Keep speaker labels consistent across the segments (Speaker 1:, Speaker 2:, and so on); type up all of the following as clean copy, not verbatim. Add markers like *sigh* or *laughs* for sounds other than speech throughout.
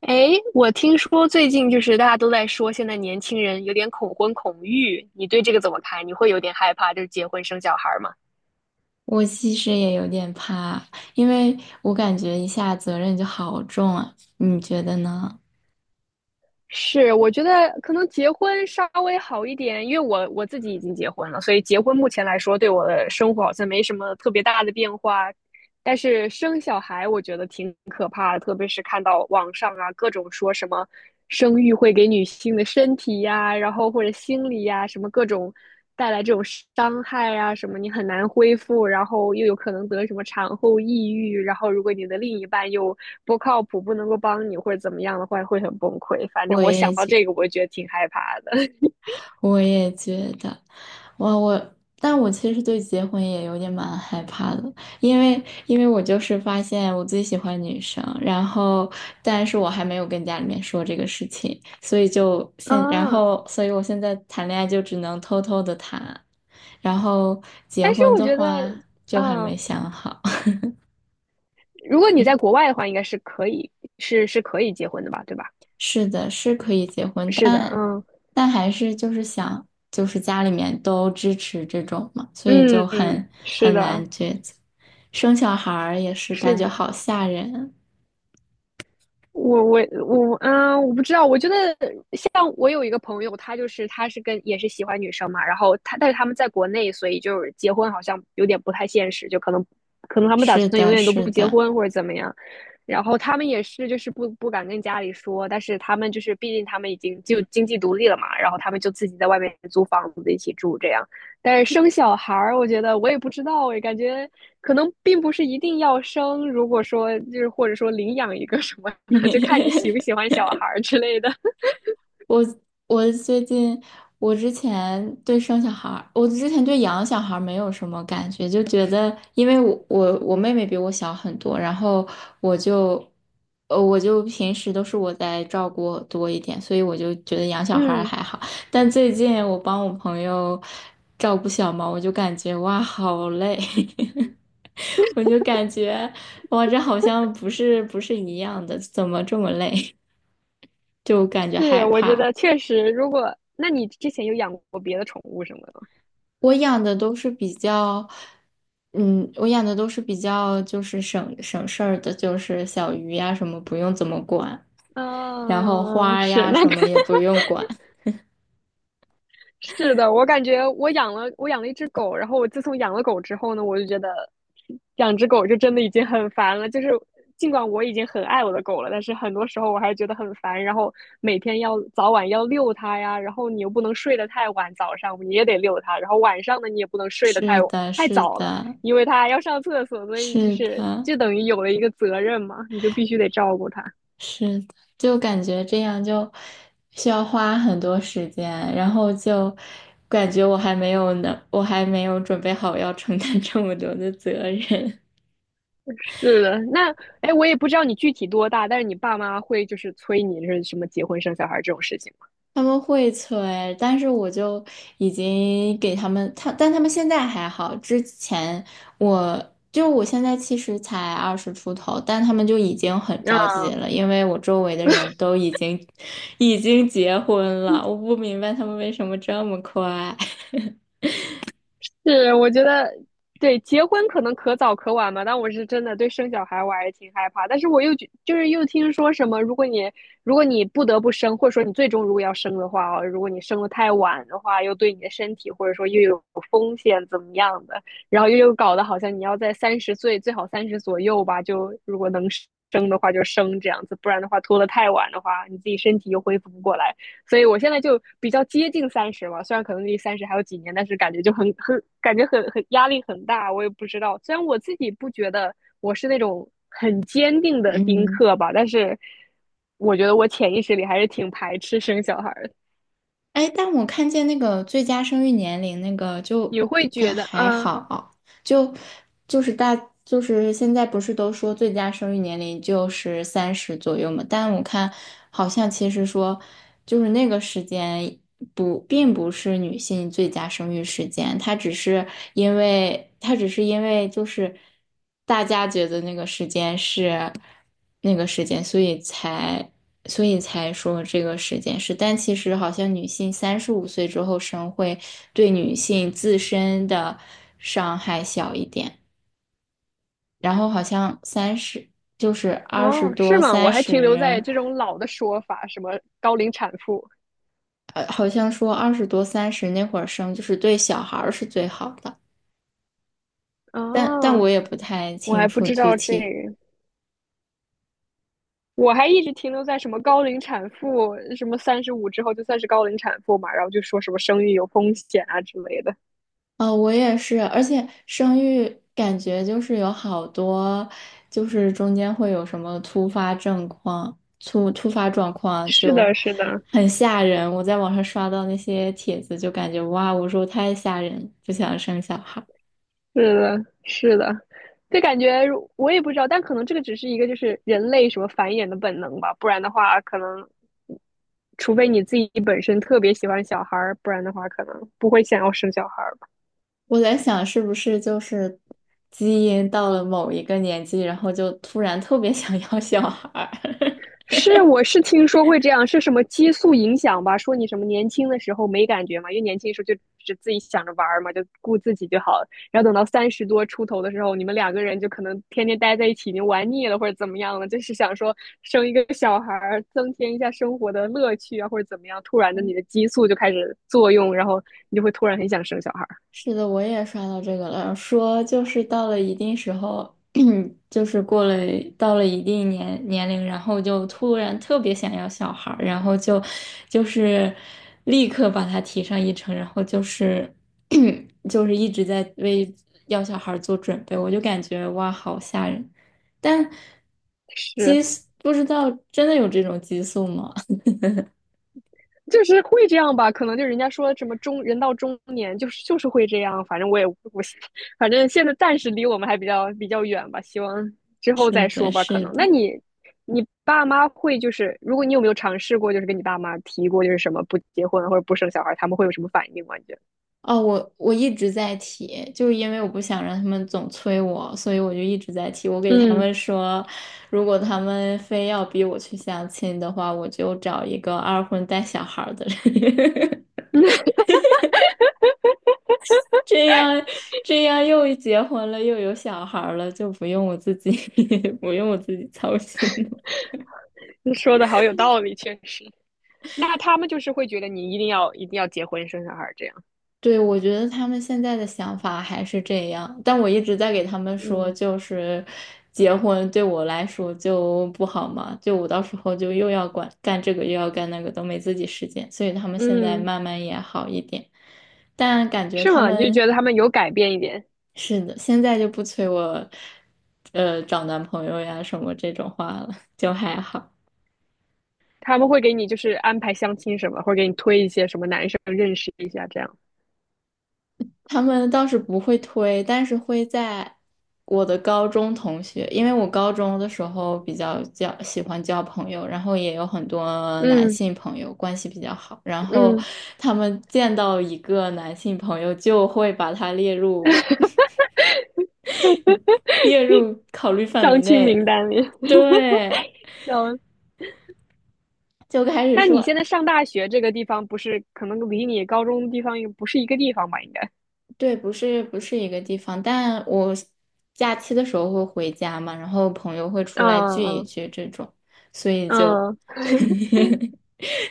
Speaker 1: 哎，我听说最近就是大家都在说，现在年轻人有点恐婚恐育，你对这个怎么看？你会有点害怕，就是结婚生小孩儿吗？
Speaker 2: 我其实也有点怕，因为我感觉一下责任就好重啊，你觉得呢？
Speaker 1: 是，我觉得可能结婚稍微好一点，因为我自己已经结婚了，所以结婚目前来说对我的生活好像没什么特别大的变化，但是生小孩我觉得挺可怕的，特别是看到网上啊各种说什么生育会给女性的身体呀、然后或者心理呀、什么各种带来这种伤害啊，什么你很难恢复，然后又有可能得什么产后抑郁，然后如果你的另一半又不靠谱，不能够帮你或者怎么样的话，会很崩溃。反正
Speaker 2: 我
Speaker 1: 我
Speaker 2: 也
Speaker 1: 想到
Speaker 2: 觉，
Speaker 1: 这个，我觉得挺害怕的
Speaker 2: 我也觉得，我我，但我其实对结婚也有点蛮害怕的，因为因为我就是发现我最喜欢女生，然后但是我还没有跟家里面说这个事情，所以就
Speaker 1: *laughs*。
Speaker 2: 现，然
Speaker 1: 嗯，
Speaker 2: 后所以我现在谈恋爱就只能偷偷的谈，然后结
Speaker 1: 但是
Speaker 2: 婚
Speaker 1: 我
Speaker 2: 的
Speaker 1: 觉得，
Speaker 2: 话就还
Speaker 1: 嗯，
Speaker 2: 没想好。
Speaker 1: 如果你
Speaker 2: *laughs*
Speaker 1: 在国外的话，应该是可以，是可以结婚的吧，对吧？
Speaker 2: 是的，是可以结婚，
Speaker 1: 是的，
Speaker 2: 但
Speaker 1: 嗯
Speaker 2: 但还是就是想，就是家里面都支持这种嘛，所以就
Speaker 1: 嗯，
Speaker 2: 很
Speaker 1: 是
Speaker 2: 很难
Speaker 1: 的，
Speaker 2: 抉择。生小孩儿也是感
Speaker 1: 是
Speaker 2: 觉
Speaker 1: 的。
Speaker 2: 好吓人啊。
Speaker 1: 我我不知道。我觉得像我有一个朋友，他就是他是跟也是喜欢女生嘛，然后他但是他们在国内，所以就是结婚好像有点不太现实，就可能他们打
Speaker 2: 是
Speaker 1: 算永
Speaker 2: 的，
Speaker 1: 远都
Speaker 2: 是
Speaker 1: 不结
Speaker 2: 的。
Speaker 1: 婚或者怎么样。然后他们也是就是不敢跟家里说，但是他们就是毕竟他们已经就经济独立了嘛，然后他们就自己在外面租房子一起住这样。但是生小孩儿，我觉得我也不知道诶，我感觉可能并不是一定要生。如果说就是或者说领养一个什么就看你喜不
Speaker 2: *laughs*
Speaker 1: 喜欢小孩之类的。*laughs*
Speaker 2: 我我最近，我之前对生小孩儿，我之前对养小孩儿没有什么感觉，就觉得因为我妹妹比我小很多，我就我就平时都是我在照顾多一点，所以我就觉得养小孩儿
Speaker 1: 嗯，
Speaker 2: 还好。但最近我帮我朋友照顾小猫，我就感觉哇好累，*laughs* 我就感觉哇这好像不是一样的，怎么这么累？*laughs* 就感觉
Speaker 1: 是，
Speaker 2: 害
Speaker 1: 我觉
Speaker 2: 怕。
Speaker 1: 得确实，如果那你之前有养过别的宠物什么的吗？
Speaker 2: 我养的都是比较，嗯，我养的都是比较就是省事儿的，就是小鱼呀什么不用怎么管，然后
Speaker 1: 嗯、哦
Speaker 2: 花
Speaker 1: 是
Speaker 2: 呀
Speaker 1: 那
Speaker 2: 什
Speaker 1: 个
Speaker 2: 么也不用管。
Speaker 1: 是的，我感觉我养了一只狗，然后我自从养了狗之后呢，我就觉得养只狗就真的已经很烦了。就是尽管我已经很爱我的狗了，但是很多时候我还是觉得很烦。然后每天要早晚要遛它呀，然后你又不能睡得太晚，早上你也得遛它，然后晚上呢你也不能睡得太
Speaker 2: 是的，
Speaker 1: 太
Speaker 2: 是
Speaker 1: 早了，
Speaker 2: 的，
Speaker 1: 因为它要上厕所，所以就
Speaker 2: 是
Speaker 1: 是
Speaker 2: 的，
Speaker 1: 就等于有了一个责任嘛，你就必须得照顾它。
Speaker 2: 是的，就感觉这样就需要花很多时间，然后就感觉我还没有呢，我还没有准备好要承担这么多的责任。
Speaker 1: 对的，那哎，我也不知道你具体多大，但是你爸妈会就是催你是什么结婚生小孩这种事情吗？
Speaker 2: 他们会催，但是我就已经给他们，他，但他们现在还好。之前我就我现在其实才二十出头，但他们就已经很着急
Speaker 1: 嗯
Speaker 2: 了，因为我周围的人都已经结婚了，我不明白他们为什么这么快。*laughs*
Speaker 1: 是，我觉得对结婚可能可早可晚嘛，但我是真的对生小孩我还是挺害怕。但是我又觉就是又听说什么，如果你不得不生，或者说你最终如果要生的话哦，如果你生的太晚的话，又对你的身体或者说又有风险怎么样的，然后又搞得好像你要在30岁最好三十左右吧，就如果能生的话就生这样子，不然的话拖得太晚的话，你自己身体又恢复不过来。所以我现在就比较接近三十嘛，虽然可能离三十还有几年，但是感觉就很感觉很压力很大。我也不知道，虽然我自己不觉得我是那种很坚定的丁
Speaker 2: 嗯。
Speaker 1: 克吧，但是我觉得我潜意识里还是挺排斥生小孩的。
Speaker 2: 哎，但我看见那个最佳生育年龄那个
Speaker 1: 你会觉得，
Speaker 2: 还
Speaker 1: 嗯，
Speaker 2: 好，就就是大就是现在不是都说最佳生育年龄就是三十左右嘛？但我看好像其实说就是那个时间不并不是女性最佳生育时间，它只是因为它只是因为就是大家觉得那个时间是。那个时间，所以才说这个时间是，但其实好像女性三十五岁之后生会对女性自身的伤害小一点，然后好像三十就是二十
Speaker 1: 哦，是
Speaker 2: 多
Speaker 1: 吗？我
Speaker 2: 三
Speaker 1: 还停留在
Speaker 2: 十，
Speaker 1: 这种老的说法，什么高龄产妇。
Speaker 2: 好像说二十多三十那会儿生就是对小孩儿是最好的，但我
Speaker 1: 哦，
Speaker 2: 也不太
Speaker 1: 我
Speaker 2: 清
Speaker 1: 还不
Speaker 2: 楚
Speaker 1: 知
Speaker 2: 具
Speaker 1: 道这
Speaker 2: 体
Speaker 1: 个。我还一直停留在什么高龄产妇，什么35之后就算是高龄产妇嘛，然后就说什么生育有风险啊之类的。
Speaker 2: 哦，我也是，而且生育感觉就是有好多，就是中间会有什么突发症况、突发状况，
Speaker 1: 是
Speaker 2: 就
Speaker 1: 的，是的，
Speaker 2: 很吓人。我在网上刷到那些帖子，就感觉哇，我说太吓人，不想生小孩。
Speaker 1: 是的，是的，就感觉我也不知道，但可能这个只是一个就是人类什么繁衍的本能吧，不然的话，可能除非你自己本身特别喜欢小孩儿，不然的话可能不会想要生小孩儿。
Speaker 2: 我在想，是不是就是基因到了某一个年纪，然后就突然特别想要小孩儿。
Speaker 1: 是，我是听说会这样，是什么激素影响吧？说你什么年轻的时候没感觉嘛，因为年轻的时候就只自己想着玩儿嘛，就顾自己就好了。然后等到30多出头的时候，你们两个人就可能天天待在一起，已经玩腻了或者怎么样了，就是想说生一个小孩儿，增添一下生活的乐趣啊，或者怎么样。突然的，你的激素就开始作用，然后你就会突然很想生小孩儿。
Speaker 2: 是的，我也刷到这个了，说就是到了一定时候，*clears throat* 就是过了到了一定年龄，然后就突然特别想要小孩儿然后就是立刻把他提上议程，然后就是 *clears throat* 就是一直在为要小孩儿做准备，我就感觉哇，好吓人。但
Speaker 1: 是，
Speaker 2: 激素不知道真的有这种激素吗？
Speaker 1: 就是会这样吧，可能就人家说什么中人到中年就是会这样，反正我也不，反正现在暂时离我们还比较远吧，希望
Speaker 2: *laughs*
Speaker 1: 之后
Speaker 2: 是
Speaker 1: 再
Speaker 2: 的，
Speaker 1: 说吧。可
Speaker 2: 是
Speaker 1: 能那
Speaker 2: 的。
Speaker 1: 你爸妈会就是如果你有没有尝试过，就是跟你爸妈提过就是什么不结婚或者不生小孩，他们会有什么反应吗？你觉得？
Speaker 2: 哦，我一直在提，就是因为我不想让他们总催我，所以我就一直在提。我给他
Speaker 1: 嗯，
Speaker 2: 们说，如果他们非要逼我去相亲的话，我就找一个二婚带小孩儿的人，*laughs* 这样这样又结婚了又有小孩儿了，就不用我自己 *laughs* 不用我自己操心。
Speaker 1: 你说的好有道理，确实。那他们就是会觉得你一定要结婚生小孩这样。
Speaker 2: 对，我觉得他们现在的想法还是这样，但我一直在给他们说，
Speaker 1: 嗯
Speaker 2: 就是结婚对我来说就不好嘛，就我到时候就又要管干这个又要干那个，都没自己时间，所以他们现在
Speaker 1: 嗯，
Speaker 2: 慢慢也好一点，但感觉
Speaker 1: 是
Speaker 2: 他
Speaker 1: 吗？就
Speaker 2: 们
Speaker 1: 觉得他们有改变一点。
Speaker 2: 是的，现在就不催我，找男朋友呀什么这种话了，就还好。
Speaker 1: 他们会给你就是安排相亲什么，或者给你推一些什么男生认识一下这样。
Speaker 2: 他们倒是不会推，但是会在我的高中同学，因为我高中的时候比较喜欢交朋友，然后也有很多男
Speaker 1: 嗯
Speaker 2: 性朋友，关系比较好。然后
Speaker 1: 嗯，
Speaker 2: 他们见到一个男性朋友，就会把他列入 *laughs* 列入考虑范
Speaker 1: 相
Speaker 2: 围
Speaker 1: 亲名
Speaker 2: 内，
Speaker 1: 单里。
Speaker 2: 对，
Speaker 1: *laughs* 嗯，
Speaker 2: 就开始
Speaker 1: 那你现
Speaker 2: 说，
Speaker 1: 在上大学这个地方不是可能离你高中的地方又不是一个地方吧？应该。
Speaker 2: 对，不是一个地方，但我假期的时候会回家嘛，然后朋友会出
Speaker 1: 嗯
Speaker 2: 来聚一
Speaker 1: 嗯
Speaker 2: 聚这种，所以就
Speaker 1: 嗯，
Speaker 2: *laughs*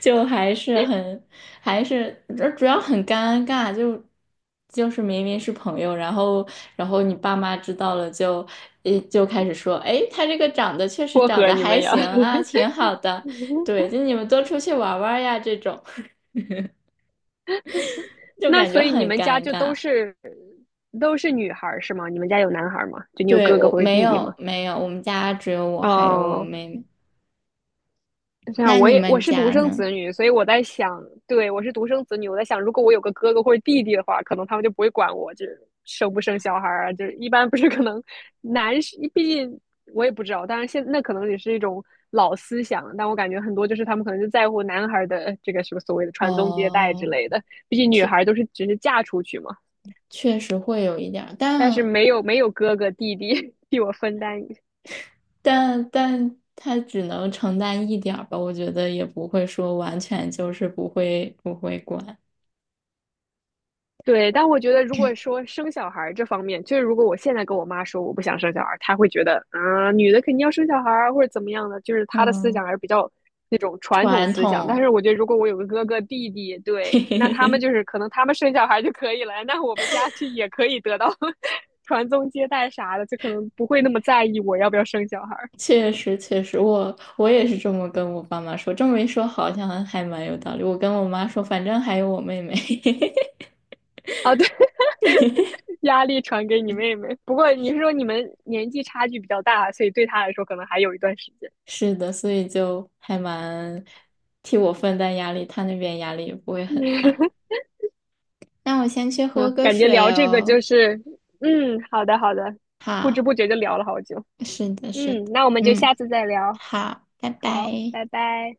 Speaker 2: 就还是很还是主主要很尴尬，就就是明明是朋友，然后然后你爸妈知道了就就开始说，哎，他这个长得确实
Speaker 1: 撮
Speaker 2: 长
Speaker 1: 合
Speaker 2: 得
Speaker 1: 你
Speaker 2: 还
Speaker 1: 们呀。
Speaker 2: 行
Speaker 1: *laughs*
Speaker 2: 啊，挺好的，对，就你们多出去玩玩呀这种，*laughs* 就
Speaker 1: 那
Speaker 2: 感觉
Speaker 1: 所以你
Speaker 2: 很
Speaker 1: 们家
Speaker 2: 尴
Speaker 1: 就都
Speaker 2: 尬。
Speaker 1: 是都是女孩儿是吗？你们家有男孩儿吗？就你有
Speaker 2: 对，
Speaker 1: 哥哥
Speaker 2: 我
Speaker 1: 或者
Speaker 2: 没
Speaker 1: 弟弟
Speaker 2: 有
Speaker 1: 吗？
Speaker 2: 没有，我们家只有我还有我
Speaker 1: 哦，
Speaker 2: 妹妹。
Speaker 1: 这样，
Speaker 2: 那你
Speaker 1: 我
Speaker 2: 们
Speaker 1: 是独
Speaker 2: 家
Speaker 1: 生
Speaker 2: 呢？
Speaker 1: 子女，所以我在想，对，我是独生子女，我在想，如果我有个哥哥或者弟弟的话，可能他们就不会管我，就是生不生小孩儿啊，就是一般不是可能男是，毕竟我也不知道，当然现那可能也是一种老思想，但我感觉很多就是他们可能就在乎男孩的这个什么所谓的传宗接代之
Speaker 2: 哦，
Speaker 1: 类的，毕竟女
Speaker 2: 确
Speaker 1: 孩都是只是嫁出去嘛，
Speaker 2: 确实会有一点儿，
Speaker 1: 但是
Speaker 2: 但
Speaker 1: 没有哥哥弟弟 *laughs* 替我分担
Speaker 2: 但但他只能承担一点儿吧，我觉得也不会说完全就是不会管。
Speaker 1: 对，但我觉得，如果说生小孩儿这方面，就是如果我现在跟我妈说我不想生小孩儿，她会觉得，嗯、女的肯定要生小孩儿啊或者怎么样的，就是她的思想
Speaker 2: 嗯，
Speaker 1: 还是比较那种传统
Speaker 2: 传
Speaker 1: 思想。但
Speaker 2: 统，
Speaker 1: 是我觉得，如果我有个哥哥弟弟，
Speaker 2: *laughs* 嘿
Speaker 1: 对，
Speaker 2: 嘿
Speaker 1: 那他们
Speaker 2: 嘿，
Speaker 1: 就是可能他们生小孩儿就可以了，那我们家就也可以得到 *laughs* 传宗接代啥的，就可能不会那么在意我要不要生小孩儿
Speaker 2: 确实，我也是这么跟我爸妈说，这么一说好像还蛮有道理。我跟我妈说，反正还有我妹妹。*laughs*
Speaker 1: 啊。对，*laughs* 压力传给你妹妹。不过你是说你们年纪差距比较大，所以对她来说可能还有一段时间。*laughs*
Speaker 2: 是的，所以就还蛮替我分担压力，他那边压力也不会很
Speaker 1: 嗯
Speaker 2: 大。那我先去喝
Speaker 1: 嗯，
Speaker 2: 个
Speaker 1: 感觉
Speaker 2: 水
Speaker 1: 聊这个就
Speaker 2: 哦。
Speaker 1: 是，嗯，好的好的，不知
Speaker 2: 好，
Speaker 1: 不觉就聊了好久。
Speaker 2: 是的，是的，
Speaker 1: 嗯，那我们就
Speaker 2: 嗯，
Speaker 1: 下次再聊。
Speaker 2: 好，拜
Speaker 1: 好，
Speaker 2: 拜。
Speaker 1: 拜拜。